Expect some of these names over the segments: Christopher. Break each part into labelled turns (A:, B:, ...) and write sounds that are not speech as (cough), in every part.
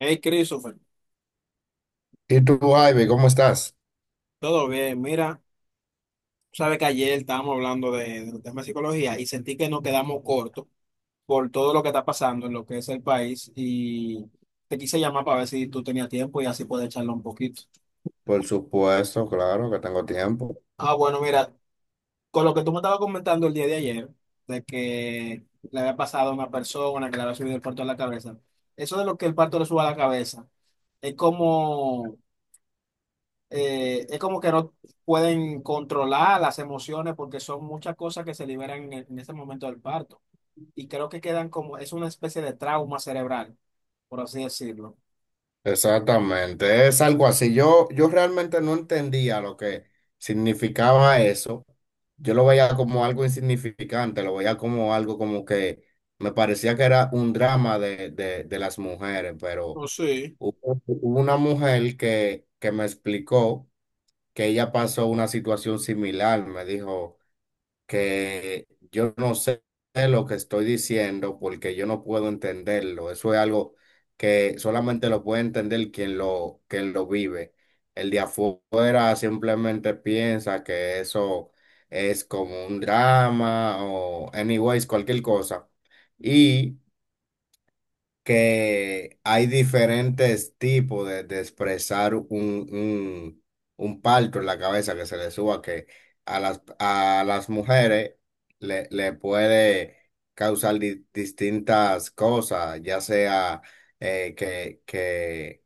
A: Hey, Christopher,
B: ¿Y tú, Ivy, cómo estás?
A: todo bien. Mira, sabes que ayer estábamos hablando del tema de psicología y sentí que nos quedamos cortos por todo lo que está pasando en lo que es el país y te quise llamar para ver si tú tenías tiempo y así poder echarlo un poquito.
B: Por supuesto, claro que tengo tiempo.
A: Bueno, mira, con lo que tú me estabas comentando el día de ayer, de que le había pasado a una persona que le había subido el parto a la cabeza, eso de lo que el parto le suba a la cabeza es como es como que no pueden controlar las emociones porque son muchas cosas que se liberan en ese momento del parto. Y creo que quedan como, es una especie de trauma cerebral, por así decirlo.
B: Exactamente, es algo así. Yo realmente no entendía lo que significaba eso. Yo lo veía como algo insignificante, lo veía como algo como que me parecía que era un drama de las mujeres, pero
A: Oh, sí.
B: hubo una mujer que me explicó que ella pasó una situación similar, me dijo. Que yo no sé lo que estoy diciendo porque yo no puedo entenderlo. Eso es algo que solamente lo puede entender quien lo vive. El de afuera simplemente piensa que eso es como un drama o anyways, cualquier cosa. Y que hay diferentes tipos de expresar un parto en la cabeza que se le suba, que a las mujeres le puede causar distintas cosas, ya sea eh, que, que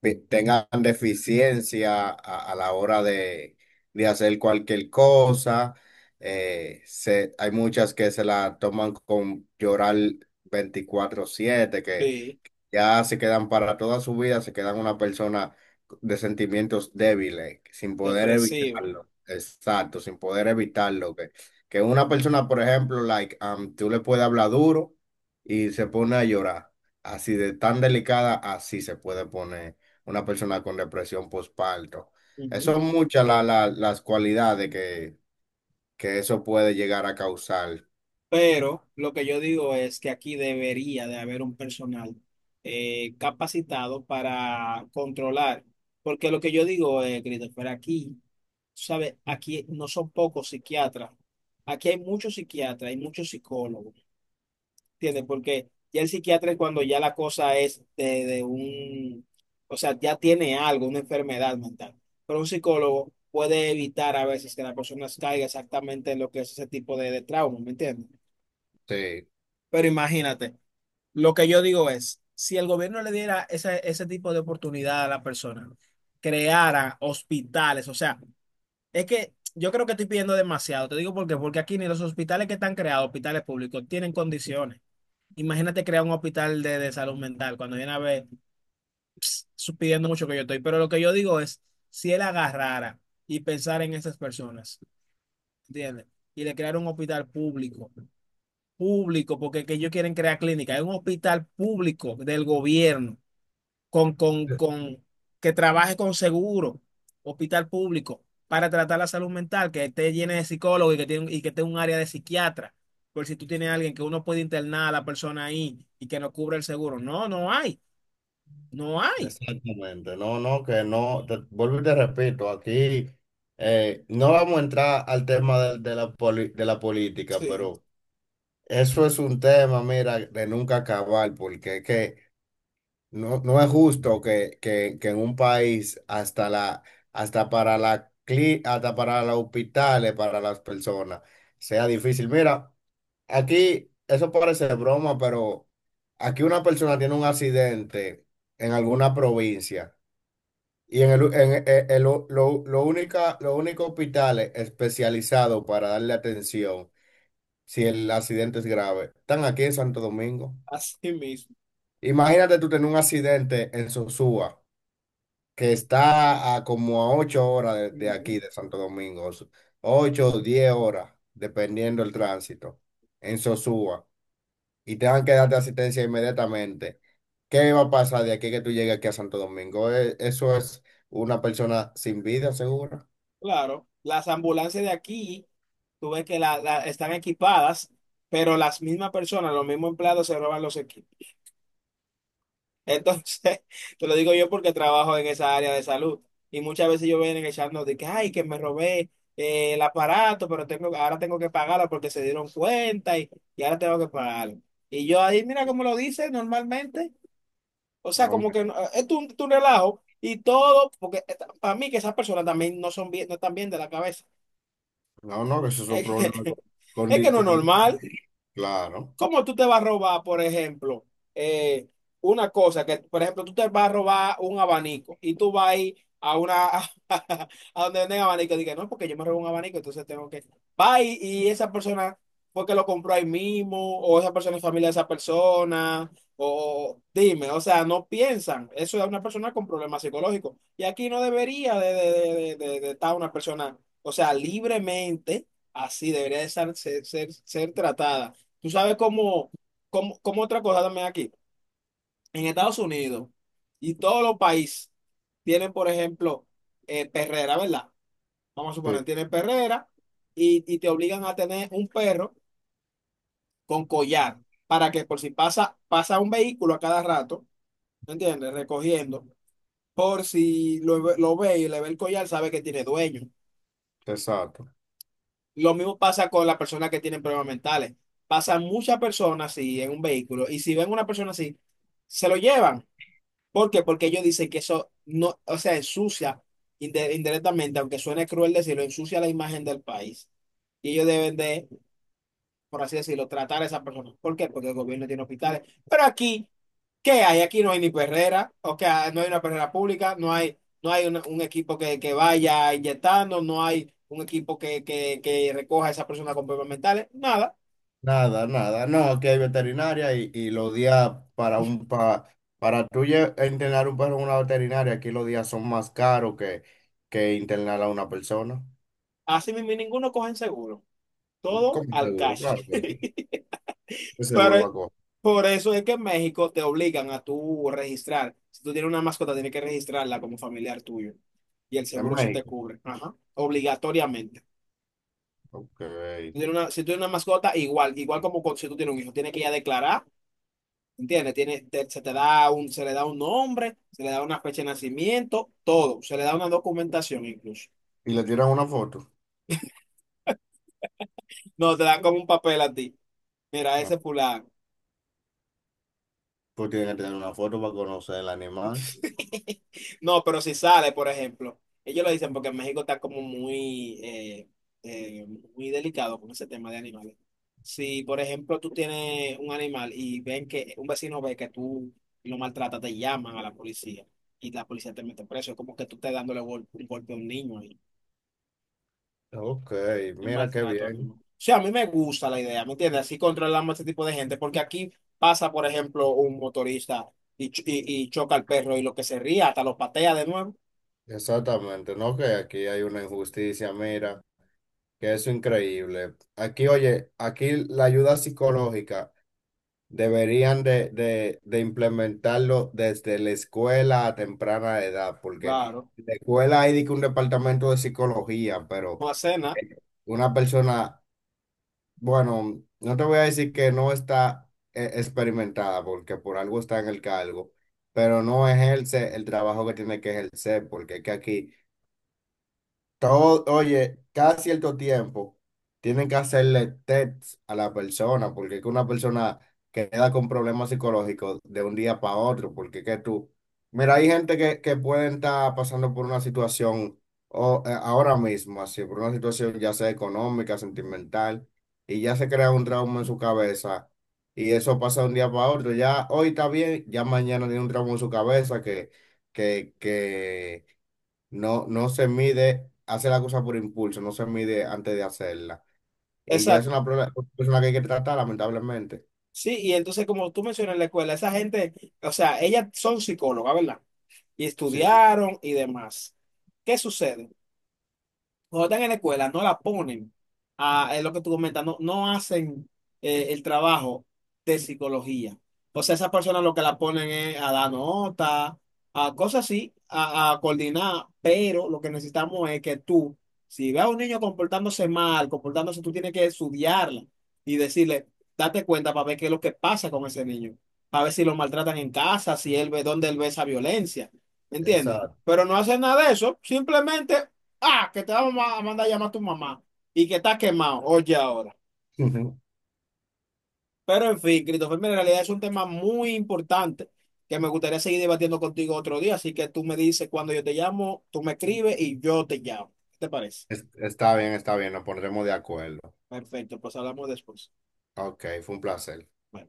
B: tengan deficiencia a la hora de hacer cualquier cosa. Hay muchas que se la toman con llorar 24/7, que
A: Sí,
B: ya se quedan para toda su vida, se quedan una persona de sentimientos débiles, sin poder
A: depresivo.
B: evitarlo. Exacto, sin poder evitarlo. Que una persona, por ejemplo, tú le puedes hablar duro y se pone a llorar. Así de tan delicada, así se puede poner una persona con depresión postparto. Eso
A: Ujú.
B: son muchas las cualidades que eso puede llegar a causar.
A: Pero lo que yo digo es que aquí debería de haber un personal capacitado para controlar, porque lo que yo digo, Christopher, aquí, ¿sabes? Aquí no son pocos psiquiatras, aquí hay muchos psiquiatras, hay muchos psicólogos, ¿entiendes? Porque ya el psiquiatra es cuando ya la cosa es o sea, ya tiene algo, una enfermedad mental, pero un psicólogo puede evitar a veces que la persona caiga exactamente en lo que es ese tipo de trauma, ¿me entiendes?
B: Sí.
A: Pero imagínate, lo que yo digo es, si el gobierno le diera ese, ese tipo de oportunidad a la persona, creara hospitales, o sea, es que yo creo que estoy pidiendo demasiado, te digo por qué, porque aquí ni los hospitales que están creados, hospitales públicos, tienen condiciones. Imagínate crear un hospital de salud mental, cuando viene a ver, pidiendo mucho que yo estoy, pero lo que yo digo es, si él agarrara y pensara en esas personas, ¿entiendes? Y le creara un hospital público, porque que ellos quieren crear clínica, es un hospital público del gobierno, con, con, con, que trabaje con seguro, hospital público, para tratar la salud mental, que esté lleno de psicólogos y que tenga un área de psiquiatra, por si tú tienes a alguien que uno puede internar a la persona ahí y que no cubra el seguro. No, no hay, no hay.
B: Exactamente, no, no, que no, vuelvo y te repito, aquí no vamos a entrar al tema de la de la política,
A: Sí,
B: pero eso es un tema, mira, de nunca acabar, porque es que no, no es justo que, que en un país hasta para los hospitales, para las personas, sea difícil. Mira, aquí, eso parece broma, pero aquí una persona tiene un accidente en alguna provincia. Y en el, en, lo única, lo único hospital especializado para darle atención si el accidente es grave, están aquí en Santo Domingo.
A: así mismo.
B: Imagínate tú tener un accidente en Sosúa, que está a como a 8 horas de
A: Ujú.
B: aquí, de Santo Domingo, 8 o 10 horas, dependiendo del tránsito, en Sosúa, y tengan que darte asistencia inmediatamente. ¿Qué va a pasar de aquí que tú llegues aquí a Santo Domingo? Eso es una persona sin vida, seguro.
A: Claro, las ambulancias de aquí, tú ves que están equipadas, pero las mismas personas, los mismos empleados se roban los equipos. Entonces, (laughs) te lo digo yo porque trabajo en esa área de salud y muchas veces yo vienen echando de que, ay, que me robé el aparato, pero tengo, ahora tengo que pagarlo porque se dieron cuenta y ahora tengo que pagarlo. Y yo ahí, mira cómo lo dice normalmente, o
B: No,
A: sea, como
B: hombre,
A: que es tu relajo y todo, porque para mí que esas personas también no son bien, no están bien de la cabeza. (laughs)
B: no, no, que eso es un
A: Es
B: problema
A: que,
B: con
A: es que no es
B: licor.
A: normal.
B: Claro,
A: ¿Cómo tú te vas a robar, por ejemplo, eh, una cosa que, por ejemplo, tú te vas a robar un abanico y tú vas a ir a una, (laughs) a donde venden abanico y dices, no, porque yo me robé un abanico, entonces tengo que, va y esa persona fue que lo compró ahí mismo, o esa persona es familia de esa persona, o dime, o sea, no piensan, eso es una persona con problemas psicológicos. Y aquí no debería de estar una persona, o sea, libremente, así debería de ser tratada. Tú sabes cómo otra cosa también aquí. En Estados Unidos y todos los países tienen, por ejemplo, perrera, ¿verdad? Vamos a suponer,
B: sí,
A: tienen perrera y te obligan a tener un perro con collar para que por si pasa un vehículo a cada rato, ¿me entiendes? Recogiendo. Por si lo ve y le ve el collar, sabe que tiene dueño.
B: exacto.
A: Lo mismo pasa con las personas que tienen problemas mentales. Pasan muchas personas así en un vehículo y si ven una persona así, se lo llevan. ¿Por qué? Porque ellos dicen que eso no, o sea, ensucia indirectamente, aunque suene cruel decirlo, ensucia la imagen del país. Y ellos deben de, por así decirlo, tratar a esas personas. ¿Por qué? Porque el gobierno tiene hospitales. Pero aquí, ¿qué hay? Aquí no hay ni perrera, o sea, no hay una perrera pública, no hay, no hay un equipo que vaya inyectando, no hay un equipo que recoja a esas personas con problemas mentales, nada.
B: Nada, nada, no, que hay veterinaria y los días para para internar un perro en una veterinaria, aquí los días son más caros que internar a una persona.
A: Así mismo, y ninguno cogen seguro. Todo
B: Como
A: al
B: seguro,
A: cash.
B: claro, pero
A: (laughs)
B: ¿qué
A: Pero
B: seguro
A: es-
B: va a coger?
A: por eso es que en México te obligan a tú registrar. Si tú tienes una mascota, tienes que registrarla como familiar tuyo. Y el
B: En
A: seguro sí te
B: México.
A: cubre. Ajá. Obligatoriamente.
B: Ok.
A: Si tú tienes una, si tienes una mascota, igual, igual como si tú tienes un hijo, tienes que ir a declarar. ¿Entiendes? Se te da un, se le da un nombre, se le da una fecha de nacimiento, todo. Se le da una documentación incluso.
B: Y le tiran una foto.
A: No, te dan como un papel a ti. Mira,
B: Ah,
A: ese fulano.
B: pues tienen que tener una foto para conocer el animal.
A: No, pero si sale, por ejemplo, ellos lo dicen porque en México está como muy, eh, muy delicado con ese tema de animales. Si, por ejemplo, tú tienes un animal y ven que un vecino ve que tú lo maltratas, te llaman a la policía y la policía te mete preso. Es como que tú estás un golpe a un niño y
B: Ok,
A: es
B: mira qué
A: maltrato
B: bien.
A: animal. O sea, a mí me gusta la idea, ¿me entiendes? Así controlamos a este tipo de gente porque aquí pasa, por ejemplo, un motorista y choca al perro y lo que se ría hasta lo patea de nuevo.
B: Exactamente, ¿no? Que aquí hay una injusticia, mira, que eso es increíble. Aquí, oye, aquí la ayuda psicológica deberían de implementarlo desde la escuela a temprana edad, porque
A: Claro,
B: en la escuela hay de que un departamento de psicología, pero
A: no hace nada.
B: una persona, bueno, no te voy a decir que no está experimentada, porque por algo está en el cargo, pero no ejerce el trabajo que tiene que ejercer, porque es que aquí... Todo, oye, cada cierto tiempo tienen que hacerle test a la persona, porque es que una persona queda con problemas psicológicos de un día para otro, porque es que tú, mira, hay gente que pueden estar pasando por una situación ahora mismo, así, por una situación ya sea económica, sentimental, y ya se crea un trauma en su cabeza, y eso pasa de un día para otro, ya hoy está bien, ya mañana tiene un trauma en su cabeza que, que no se mide, hace la cosa por impulso, no se mide antes de hacerla. Y ya es
A: Exacto.
B: una persona que hay que tratar, lamentablemente.
A: Sí, y entonces como tú mencionas en la escuela, esa gente, o sea, ellas son psicólogas, ¿verdad? Y
B: Sí,
A: estudiaron y demás. ¿Qué sucede? Cuando están en la escuela, no la ponen a, es lo que tú comentas, no, no hacen el trabajo de psicología. O sea, esas personas lo que la ponen es a dar nota, a cosas así, a coordinar, pero lo que necesitamos es que tú, si ves a un niño comportándose mal, comportándose, tú tienes que estudiarla y decirle, date cuenta para ver qué es lo que pasa con ese niño, para ver si lo maltratan en casa, si él ve dónde él ve esa violencia, ¿me entiendes?
B: exacto.
A: Pero no hacen nada de eso, simplemente ah, que te vamos a mandar a llamar a tu mamá y que está quemado. Oye, ahora. Pero en fin, Christopher, mira, en realidad es un tema muy importante que me gustaría seguir debatiendo contigo otro día. Así que tú me dices cuando yo te llamo, tú me escribes y yo te llamo. ¿Qué te parece?
B: (laughs) Está bien, nos pondremos de acuerdo.
A: Perfecto, pues hablamos después.
B: Ok, fue un placer.
A: Bye.